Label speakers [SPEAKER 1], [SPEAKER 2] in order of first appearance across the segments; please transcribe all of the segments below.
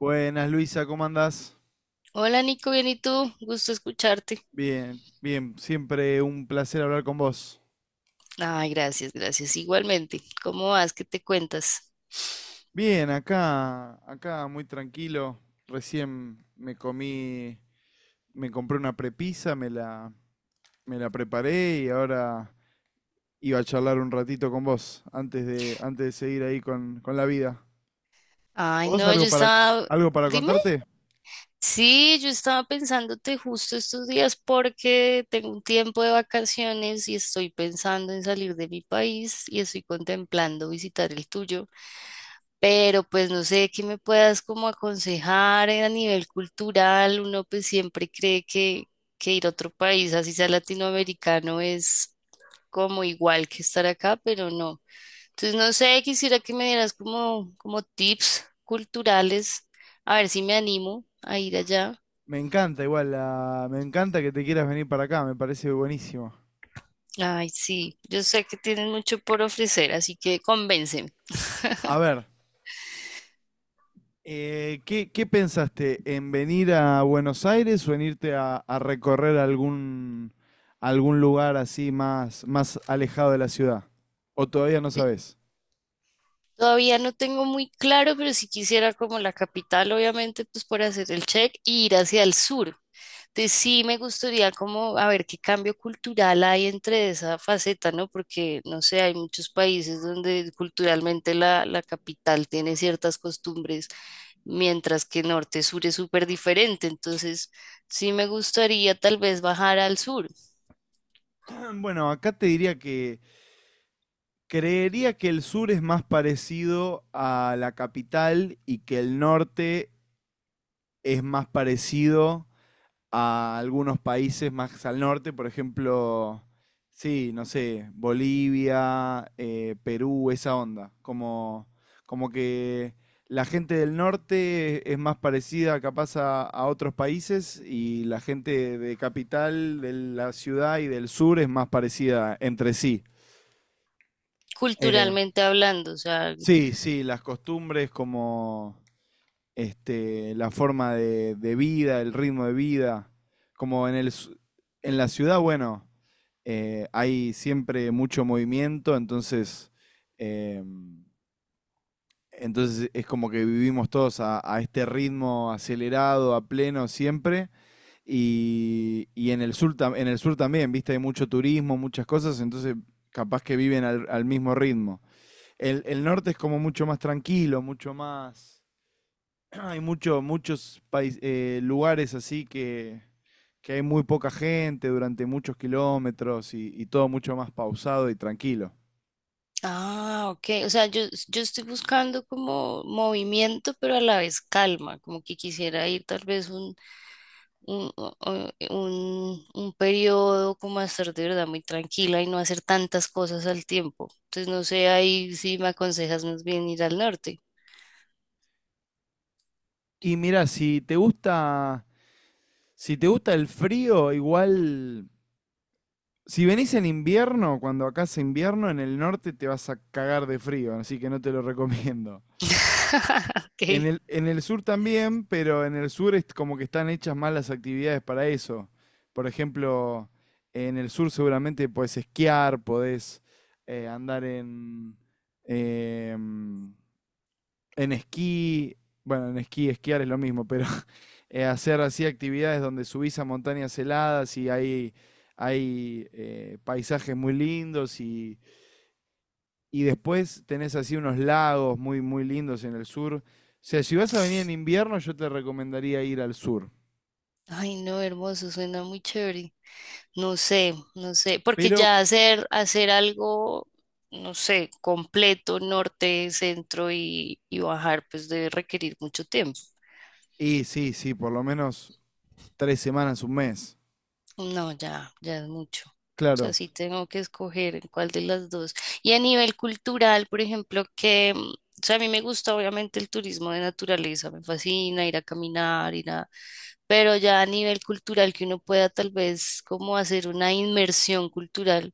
[SPEAKER 1] Buenas, Luisa, ¿cómo andás?
[SPEAKER 2] Hola Nico, bien y tú, gusto escucharte.
[SPEAKER 1] Bien, bien, siempre un placer hablar con vos.
[SPEAKER 2] Ay, gracias, gracias. Igualmente, ¿cómo vas? ¿Qué te cuentas?
[SPEAKER 1] Bien, acá, acá muy tranquilo. Recién me comí, me compré una prepisa, me la preparé y ahora iba a charlar un ratito con vos antes de seguir ahí con la vida.
[SPEAKER 2] Ay,
[SPEAKER 1] ¿Vos
[SPEAKER 2] no,
[SPEAKER 1] algo
[SPEAKER 2] yo
[SPEAKER 1] para,
[SPEAKER 2] estaba,
[SPEAKER 1] algo para
[SPEAKER 2] dime,
[SPEAKER 1] contarte?
[SPEAKER 2] sí, yo estaba pensándote justo estos días porque tengo un tiempo de vacaciones y estoy pensando en salir de mi país y estoy contemplando visitar el tuyo, pero pues no sé qué me puedas como aconsejar a nivel cultural. Uno pues siempre cree que ir a otro país, así sea latinoamericano, es como igual que estar acá, pero no. Entonces, no sé, quisiera que me dieras como, como tips culturales, a ver si me animo a ir allá.
[SPEAKER 1] Me encanta igual, me encanta que te quieras venir para acá, me parece buenísimo.
[SPEAKER 2] Ay, sí, yo sé que tienen mucho por ofrecer, así que convénceme.
[SPEAKER 1] A ver. Qué pensaste? ¿En venir a Buenos Aires o en irte a recorrer algún lugar así más alejado de la ciudad? ¿O todavía no
[SPEAKER 2] Eh,
[SPEAKER 1] sabes?
[SPEAKER 2] Todavía no tengo muy claro, pero si quisiera como la capital, obviamente, pues por hacer el check y ir hacia el sur. Entonces, sí me gustaría como a ver qué cambio cultural hay entre esa faceta, ¿no? Porque, no sé, hay muchos países donde culturalmente la capital tiene ciertas costumbres, mientras que norte-sur es súper diferente. Entonces, sí me gustaría tal vez bajar al sur,
[SPEAKER 1] Bueno, acá te diría que creería que el sur es más parecido a la capital y que el norte es más parecido a algunos países más al norte, por ejemplo, sí, no sé, Bolivia, Perú, esa onda. Como, como que la gente del norte es más parecida capaz a otros países y la gente de capital, de la ciudad y del sur es más parecida entre sí. Eh,
[SPEAKER 2] culturalmente hablando, o sea.
[SPEAKER 1] sí, sí, las costumbres como... este, la forma de vida, el ritmo de vida. Como en, el, su- En la ciudad, bueno, hay siempre mucho movimiento, entonces, em, entonces es como que vivimos todos a este ritmo acelerado, a pleno siempre. Y en el sur, en el sur también, viste, hay mucho turismo, muchas cosas, entonces capaz que viven al mismo ritmo. El norte es como mucho más tranquilo, mucho más hay lugares así que hay muy poca gente durante muchos kilómetros y todo mucho más pausado y tranquilo.
[SPEAKER 2] Ah, ok. O sea, yo estoy buscando como movimiento, pero a la vez calma, como que quisiera ir tal vez un, o- un periodo como a estar de verdad muy tranquila y no hacer tantas cosas al tiempo. Entonces, no sé, ahí si me aconsejas más bien ir al norte.
[SPEAKER 1] Y mira, si te gusta, si te gusta el frío, igual, si venís en invierno, cuando acá hace invierno, en el norte te vas a cagar de frío, así que no te lo recomiendo.
[SPEAKER 2] Ok.
[SPEAKER 1] En el sur también, pero en el sur es como que están hechas más las actividades para eso. Por ejemplo, en el sur seguramente podés esquiar, podés eh, andar en, em, en esquí. Bueno, en esquí, esquiar es lo mismo, pero hacer así actividades donde subís a montañas heladas y hay paisajes muy lindos y después tenés así unos lagos muy, muy lindos en el sur. O sea, si vas a venir en invierno, yo te recomendaría ir al sur.
[SPEAKER 2] Ay, no, hermoso, suena muy chévere. No sé, no sé, porque
[SPEAKER 1] Pero,
[SPEAKER 2] ya hacer algo, no sé, completo, norte, centro y bajar, pues debe requerir mucho tiempo.
[SPEAKER 1] y sí, sí, por lo menos 3 semanas, un mes.
[SPEAKER 2] No, ya, ya es mucho. O sea,
[SPEAKER 1] Claro.
[SPEAKER 2] sí tengo que escoger en cuál de las dos. Y a nivel cultural, por ejemplo, o sea, a mí me gusta obviamente el turismo de naturaleza, me fascina ir a caminar, ir a, pero ya a nivel cultural que uno pueda tal vez como hacer una inmersión cultural.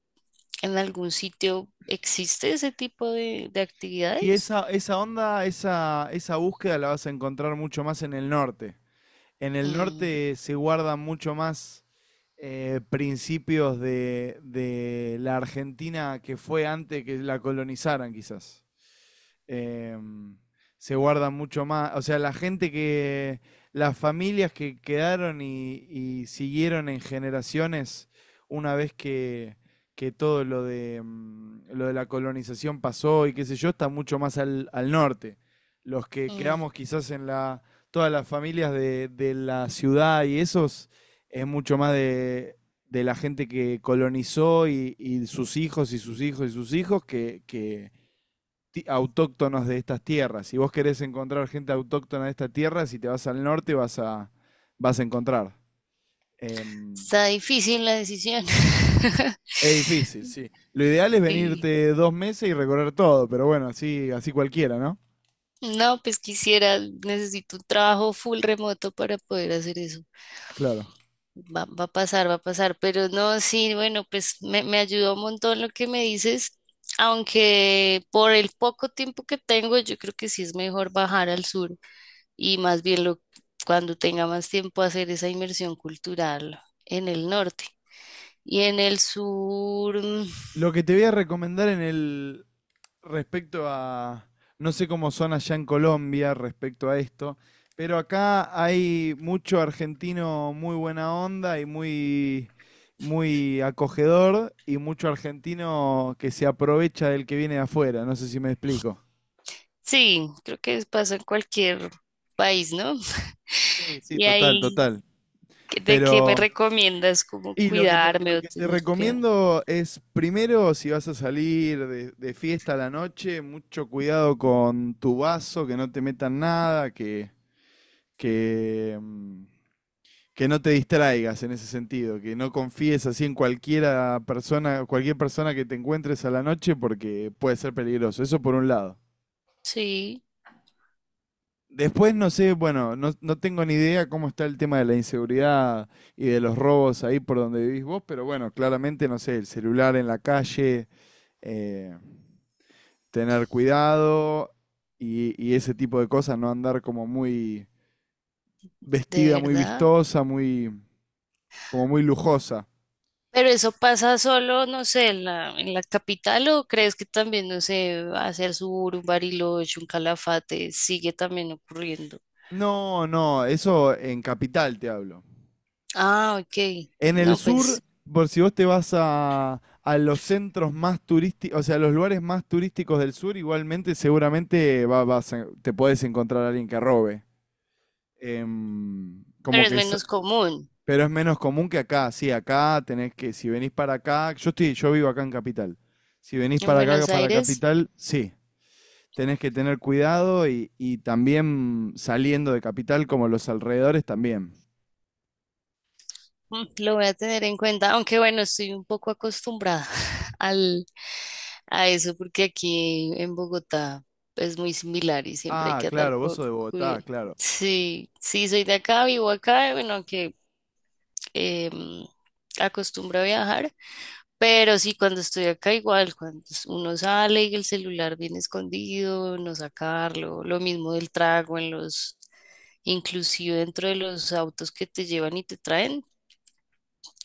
[SPEAKER 2] ¿En algún sitio existe ese tipo de
[SPEAKER 1] Y
[SPEAKER 2] actividades?
[SPEAKER 1] esa onda, esa búsqueda la vas a encontrar mucho más en el norte. En el
[SPEAKER 2] Mm,
[SPEAKER 1] norte se guardan mucho más principios de la Argentina que fue antes que la colonizaran, quizás. em, se guardan mucho más. O sea, la gente que, las familias que quedaron y siguieron en generaciones una vez que todo lo de, lo de la colonización pasó y qué sé yo, está mucho más al norte. Los que
[SPEAKER 2] mm.
[SPEAKER 1] quedamos quizás en la, todas las familias de la ciudad y esos, es mucho más de la gente que colonizó y sus hijos y sus hijos y sus hijos autóctonos de estas tierras. Si vos querés encontrar gente autóctona de esta tierra, si te vas al norte vas a encontrar. Em,
[SPEAKER 2] Está difícil la decisión.
[SPEAKER 1] es difícil, sí. Lo ideal es
[SPEAKER 2] Sí.
[SPEAKER 1] venirte 2 meses y recorrer todo, pero bueno, así, así cualquiera, ¿no?
[SPEAKER 2] No, pues quisiera, necesito un trabajo full remoto para poder hacer eso.
[SPEAKER 1] Claro.
[SPEAKER 2] Va, va a pasar, pero no, sí, bueno, me ayudó un montón lo que me dices, aunque por el poco tiempo que tengo, yo creo que sí es mejor bajar al sur y más bien lo, cuando tenga más tiempo hacer esa inmersión cultural en el norte. Y en el sur, mm,
[SPEAKER 1] Lo que te voy a recomendar en el, respecto a, no sé cómo son allá en Colombia respecto a esto, pero acá hay mucho argentino muy buena onda y muy, muy acogedor y mucho argentino que se aprovecha del que viene de afuera, no sé si me explico.
[SPEAKER 2] sí, creo que pasa en cualquier país, ¿no?
[SPEAKER 1] Sí, sí,
[SPEAKER 2] Y
[SPEAKER 1] total,
[SPEAKER 2] ahí,
[SPEAKER 1] total.
[SPEAKER 2] ¿de qué me
[SPEAKER 1] Pero,
[SPEAKER 2] recomiendas? ¿Cómo
[SPEAKER 1] y
[SPEAKER 2] cuidarme
[SPEAKER 1] lo
[SPEAKER 2] o
[SPEAKER 1] que te
[SPEAKER 2] tener cuidado?
[SPEAKER 1] recomiendo es, primero, si vas a salir de fiesta a la noche, mucho cuidado con tu vaso, que no te metan nada, que, mm, que no te distraigas en ese sentido, que no confíes así en cualquiera persona, cualquier persona que te encuentres a la noche porque puede ser peligroso. Eso por un lado.
[SPEAKER 2] Sí,
[SPEAKER 1] Después no sé, bueno, no, no tengo ni idea cómo está el tema de la inseguridad y de los robos ahí por donde vivís vos, pero bueno, claramente, no sé, el celular en la calle, eh, tener cuidado y ese tipo de cosas, no andar como muy
[SPEAKER 2] de
[SPEAKER 1] vestida, muy
[SPEAKER 2] verdad.
[SPEAKER 1] vistosa, muy, como muy lujosa.
[SPEAKER 2] Pero eso pasa solo, no sé, en en la capital o crees que también, no sé, hacia el sur, un Bariloche, un Calafate, sigue también ocurriendo.
[SPEAKER 1] No, no, eso en Capital te hablo.
[SPEAKER 2] Ah, ok.
[SPEAKER 1] En el
[SPEAKER 2] No,
[SPEAKER 1] sur,
[SPEAKER 2] pues,
[SPEAKER 1] por si vos te vas a los centros más turísticos, o sea, a los lugares más turísticos del sur, igualmente seguramente te podés encontrar a alguien que robe. Em,
[SPEAKER 2] pero
[SPEAKER 1] como
[SPEAKER 2] es
[SPEAKER 1] que es-
[SPEAKER 2] menos común.
[SPEAKER 1] pero es menos común que acá, sí, acá tenés que, si venís para acá, yo estoy, yo vivo acá en Capital. Si venís
[SPEAKER 2] En
[SPEAKER 1] para acá,
[SPEAKER 2] Buenos
[SPEAKER 1] para
[SPEAKER 2] Aires.
[SPEAKER 1] Capital, sí, tenés que tener cuidado y también saliendo de Capital, como los alrededores también.
[SPEAKER 2] Mm, lo voy a tener en cuenta, aunque bueno, estoy un poco acostumbrada al, a eso porque aquí en Bogotá es muy similar y siempre hay
[SPEAKER 1] Ah,
[SPEAKER 2] que andar
[SPEAKER 1] claro, vos
[SPEAKER 2] con
[SPEAKER 1] sos de Bogotá,
[SPEAKER 2] cuidado.
[SPEAKER 1] claro.
[SPEAKER 2] Sí, sí, soy de acá, vivo acá, bueno, aunque em, acostumbro a viajar, pero sí, cuando estoy acá igual, cuando uno sale y el celular viene escondido, no sacarlo, lo mismo del trago en los, inclusive dentro de los autos que te llevan y te traen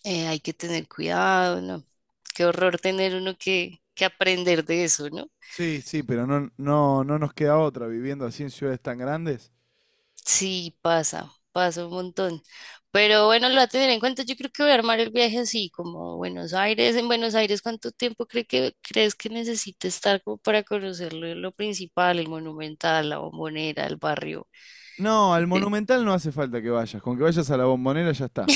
[SPEAKER 2] hay que tener cuidado, ¿no? Qué horror tener uno que aprender de eso, ¿no?
[SPEAKER 1] Sí, sí, pero no, no, no nos queda otra viviendo así en ciudades tan grandes.
[SPEAKER 2] Sí, pasa, pasa un montón. Pero bueno, lo voy a tener en cuenta. Yo creo que voy a armar el viaje así, como Buenos Aires. En Buenos Aires, ¿cuánto tiempo crees que necesite estar como para conocer lo principal, el Monumental, la Bombonera, el barrio?
[SPEAKER 1] No, al
[SPEAKER 2] De-
[SPEAKER 1] Monumental no hace falta que vayas. Con que vayas a la Bombonera ya está.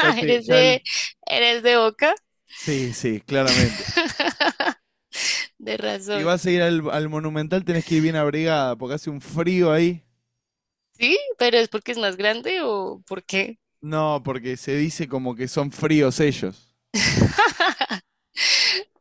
[SPEAKER 2] ¿Eres
[SPEAKER 1] Ya el...
[SPEAKER 2] eres de Boca?
[SPEAKER 1] Sí, sí, claramente.
[SPEAKER 2] De
[SPEAKER 1] Si
[SPEAKER 2] razón.
[SPEAKER 1] vas a ir al Monumental tenés que ir bien abrigada porque hace un frío ahí.
[SPEAKER 2] ¿Sí? ¿Pero es porque es más grande o por qué?
[SPEAKER 1] No, porque se dice como que son fríos ellos.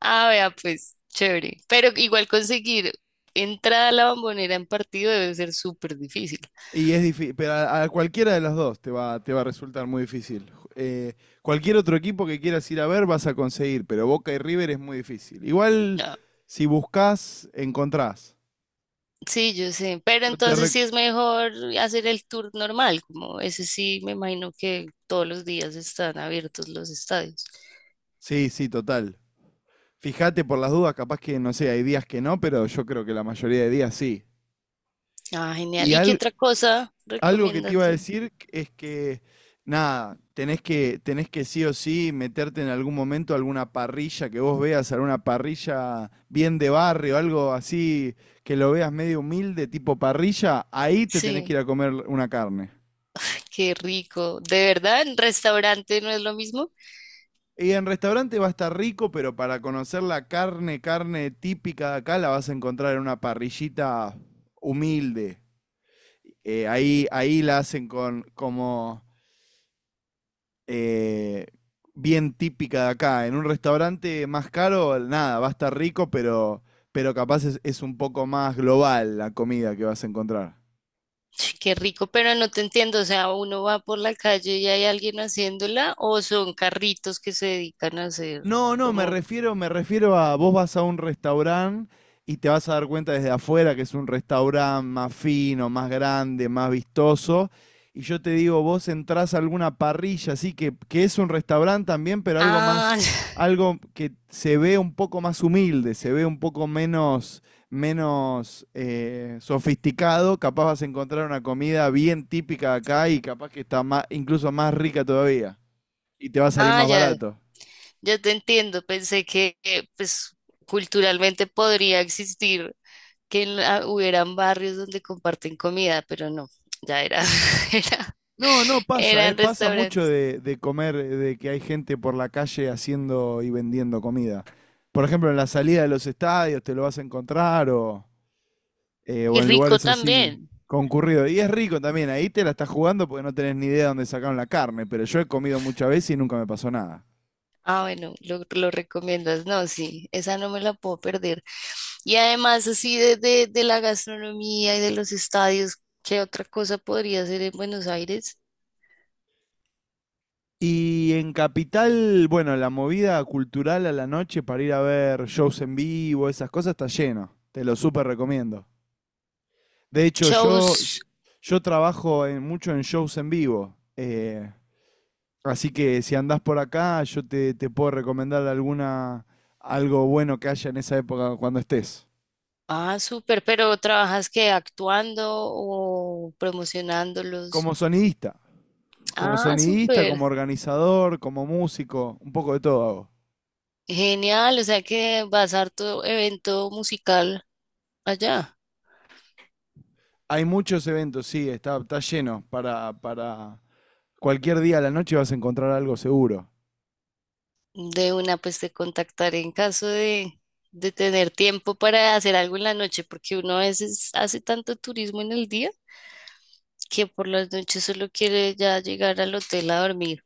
[SPEAKER 2] Ah, vea, pues, chévere. Pero igual conseguir entrada a la Bombonera en partido debe ser súper difícil.
[SPEAKER 1] Y es difícil, pero a cualquiera de las dos te va a resultar muy difícil. Eh, cualquier otro equipo que quieras ir a ver vas a conseguir, pero Boca y River es muy difícil. Igual,
[SPEAKER 2] No,
[SPEAKER 1] si buscas, encontrás.
[SPEAKER 2] sí, yo sé. Pero
[SPEAKER 1] Yo te
[SPEAKER 2] entonces
[SPEAKER 1] re-
[SPEAKER 2] sí es mejor hacer el tour normal, como ese sí, me imagino que todos los días están abiertos los estadios.
[SPEAKER 1] Sí, sí, total. Fíjate por las dudas, capaz que, no sé, hay días que no, pero yo creo que la mayoría de días sí.
[SPEAKER 2] Ah, genial.
[SPEAKER 1] Y,
[SPEAKER 2] ¿Y qué
[SPEAKER 1] al-
[SPEAKER 2] otra cosa
[SPEAKER 1] algo que te
[SPEAKER 2] recomiendas
[SPEAKER 1] iba a
[SPEAKER 2] hacer?
[SPEAKER 1] decir es que, nada, tenés que sí o sí meterte en algún momento a alguna parrilla que vos veas, alguna parrilla bien de barrio, algo así que lo veas medio humilde, tipo parrilla, ahí te tenés que ir
[SPEAKER 2] Sí,
[SPEAKER 1] a comer una carne.
[SPEAKER 2] qué rico. ¿De verdad en restaurante no es lo mismo?
[SPEAKER 1] Y en restaurante va a estar rico, pero para conocer la carne, carne típica de acá, la vas a encontrar en una parrillita humilde. Ahí la hacen con como eh, bien típica de acá. En un restaurante más caro, nada, va a estar rico, pero capaz es un poco más global la comida que vas a encontrar.
[SPEAKER 2] Ch, qué rico, pero no te entiendo, o sea, uno va por la calle y hay alguien haciéndola o son carritos que se dedican a hacer
[SPEAKER 1] No, no,
[SPEAKER 2] como...
[SPEAKER 1] me refiero a vos vas a un restaurante y te vas a dar cuenta desde afuera que es un restaurante más fino, más grande, más vistoso. Y yo te digo, vos entrás a alguna parrilla, así que es un restaurante también, pero algo más,
[SPEAKER 2] Ah,
[SPEAKER 1] algo que se ve un poco más humilde, se ve un poco menos, menos sofisticado. Capaz vas a encontrar una comida bien típica de acá y capaz que está más, incluso más rica todavía. Y te va a salir
[SPEAKER 2] ah,
[SPEAKER 1] más
[SPEAKER 2] ya,
[SPEAKER 1] barato.
[SPEAKER 2] ya te entiendo, pensé que pues culturalmente podría existir que en la- hubieran barrios donde comparten comida, pero no, ya era, era,
[SPEAKER 1] No, no pasa, ¿eh?
[SPEAKER 2] eran
[SPEAKER 1] Pasa mucho
[SPEAKER 2] restaurantes.
[SPEAKER 1] de comer, de que hay gente por la calle haciendo y vendiendo comida. Por ejemplo, en la salida de los estadios te lo vas a encontrar o
[SPEAKER 2] Y
[SPEAKER 1] en
[SPEAKER 2] rico
[SPEAKER 1] lugares así
[SPEAKER 2] también.
[SPEAKER 1] concurridos. Y es rico también, ahí te la estás jugando porque no tenés ni idea de dónde sacaron la carne, pero yo he comido muchas veces y nunca me pasó nada.
[SPEAKER 2] Ah, bueno, lo recomiendas. No, sí, esa no me la puedo perder. Y además, así de la gastronomía y de los estadios, ¿qué otra cosa podría hacer en Buenos Aires?
[SPEAKER 1] Y en Capital, bueno, la movida cultural a la noche para ir a ver shows en vivo, esas cosas, está lleno. Te lo súper recomiendo. De hecho,
[SPEAKER 2] Shows.
[SPEAKER 1] mucho en shows en vivo. Así que si andás por acá, te puedo recomendar algo bueno que haya en esa época cuando estés.
[SPEAKER 2] Ah, súper, pero ¿trabajas que actuando o promocionándolos?
[SPEAKER 1] Como sonidista. Como
[SPEAKER 2] Ah,
[SPEAKER 1] sonidista,
[SPEAKER 2] súper.
[SPEAKER 1] como organizador, como músico, un poco de todo hago.
[SPEAKER 2] Genial, o sea que vas a harto evento musical allá.
[SPEAKER 1] Hay muchos eventos, sí, está, está lleno. Para cualquier día a la noche vas a encontrar algo seguro.
[SPEAKER 2] De una, pues te contactaré en caso de tener tiempo para hacer algo en la noche, porque uno a veces hace tanto turismo en el día que por las noches solo quiere ya llegar al hotel a dormir.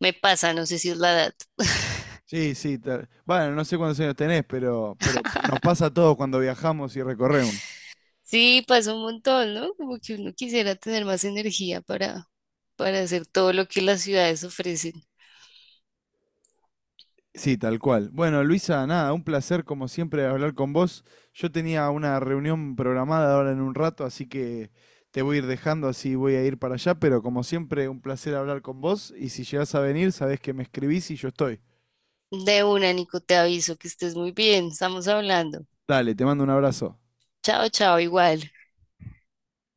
[SPEAKER 2] Me pasa, no sé si es la edad.
[SPEAKER 1] Sí, sí. Bueno, no sé cuántos años tenés, pero nos pasa a todos cuando viajamos y recorremos.
[SPEAKER 2] Sí, pasa un montón, ¿no? Como que uno quisiera tener más energía para hacer todo lo que las ciudades ofrecen.
[SPEAKER 1] Sí, tal cual. Bueno, Luisa, nada, un placer como siempre hablar con vos. Yo tenía una reunión programada ahora en un rato, así que te voy a ir dejando, así voy a ir para allá, pero como siempre, un placer hablar con vos y si llegás a venir, sabés que me escribís y yo estoy.
[SPEAKER 2] De una, Nico, te aviso que estés muy bien, estamos hablando.
[SPEAKER 1] Dale, te mando un abrazo.
[SPEAKER 2] Chao, chao, igual.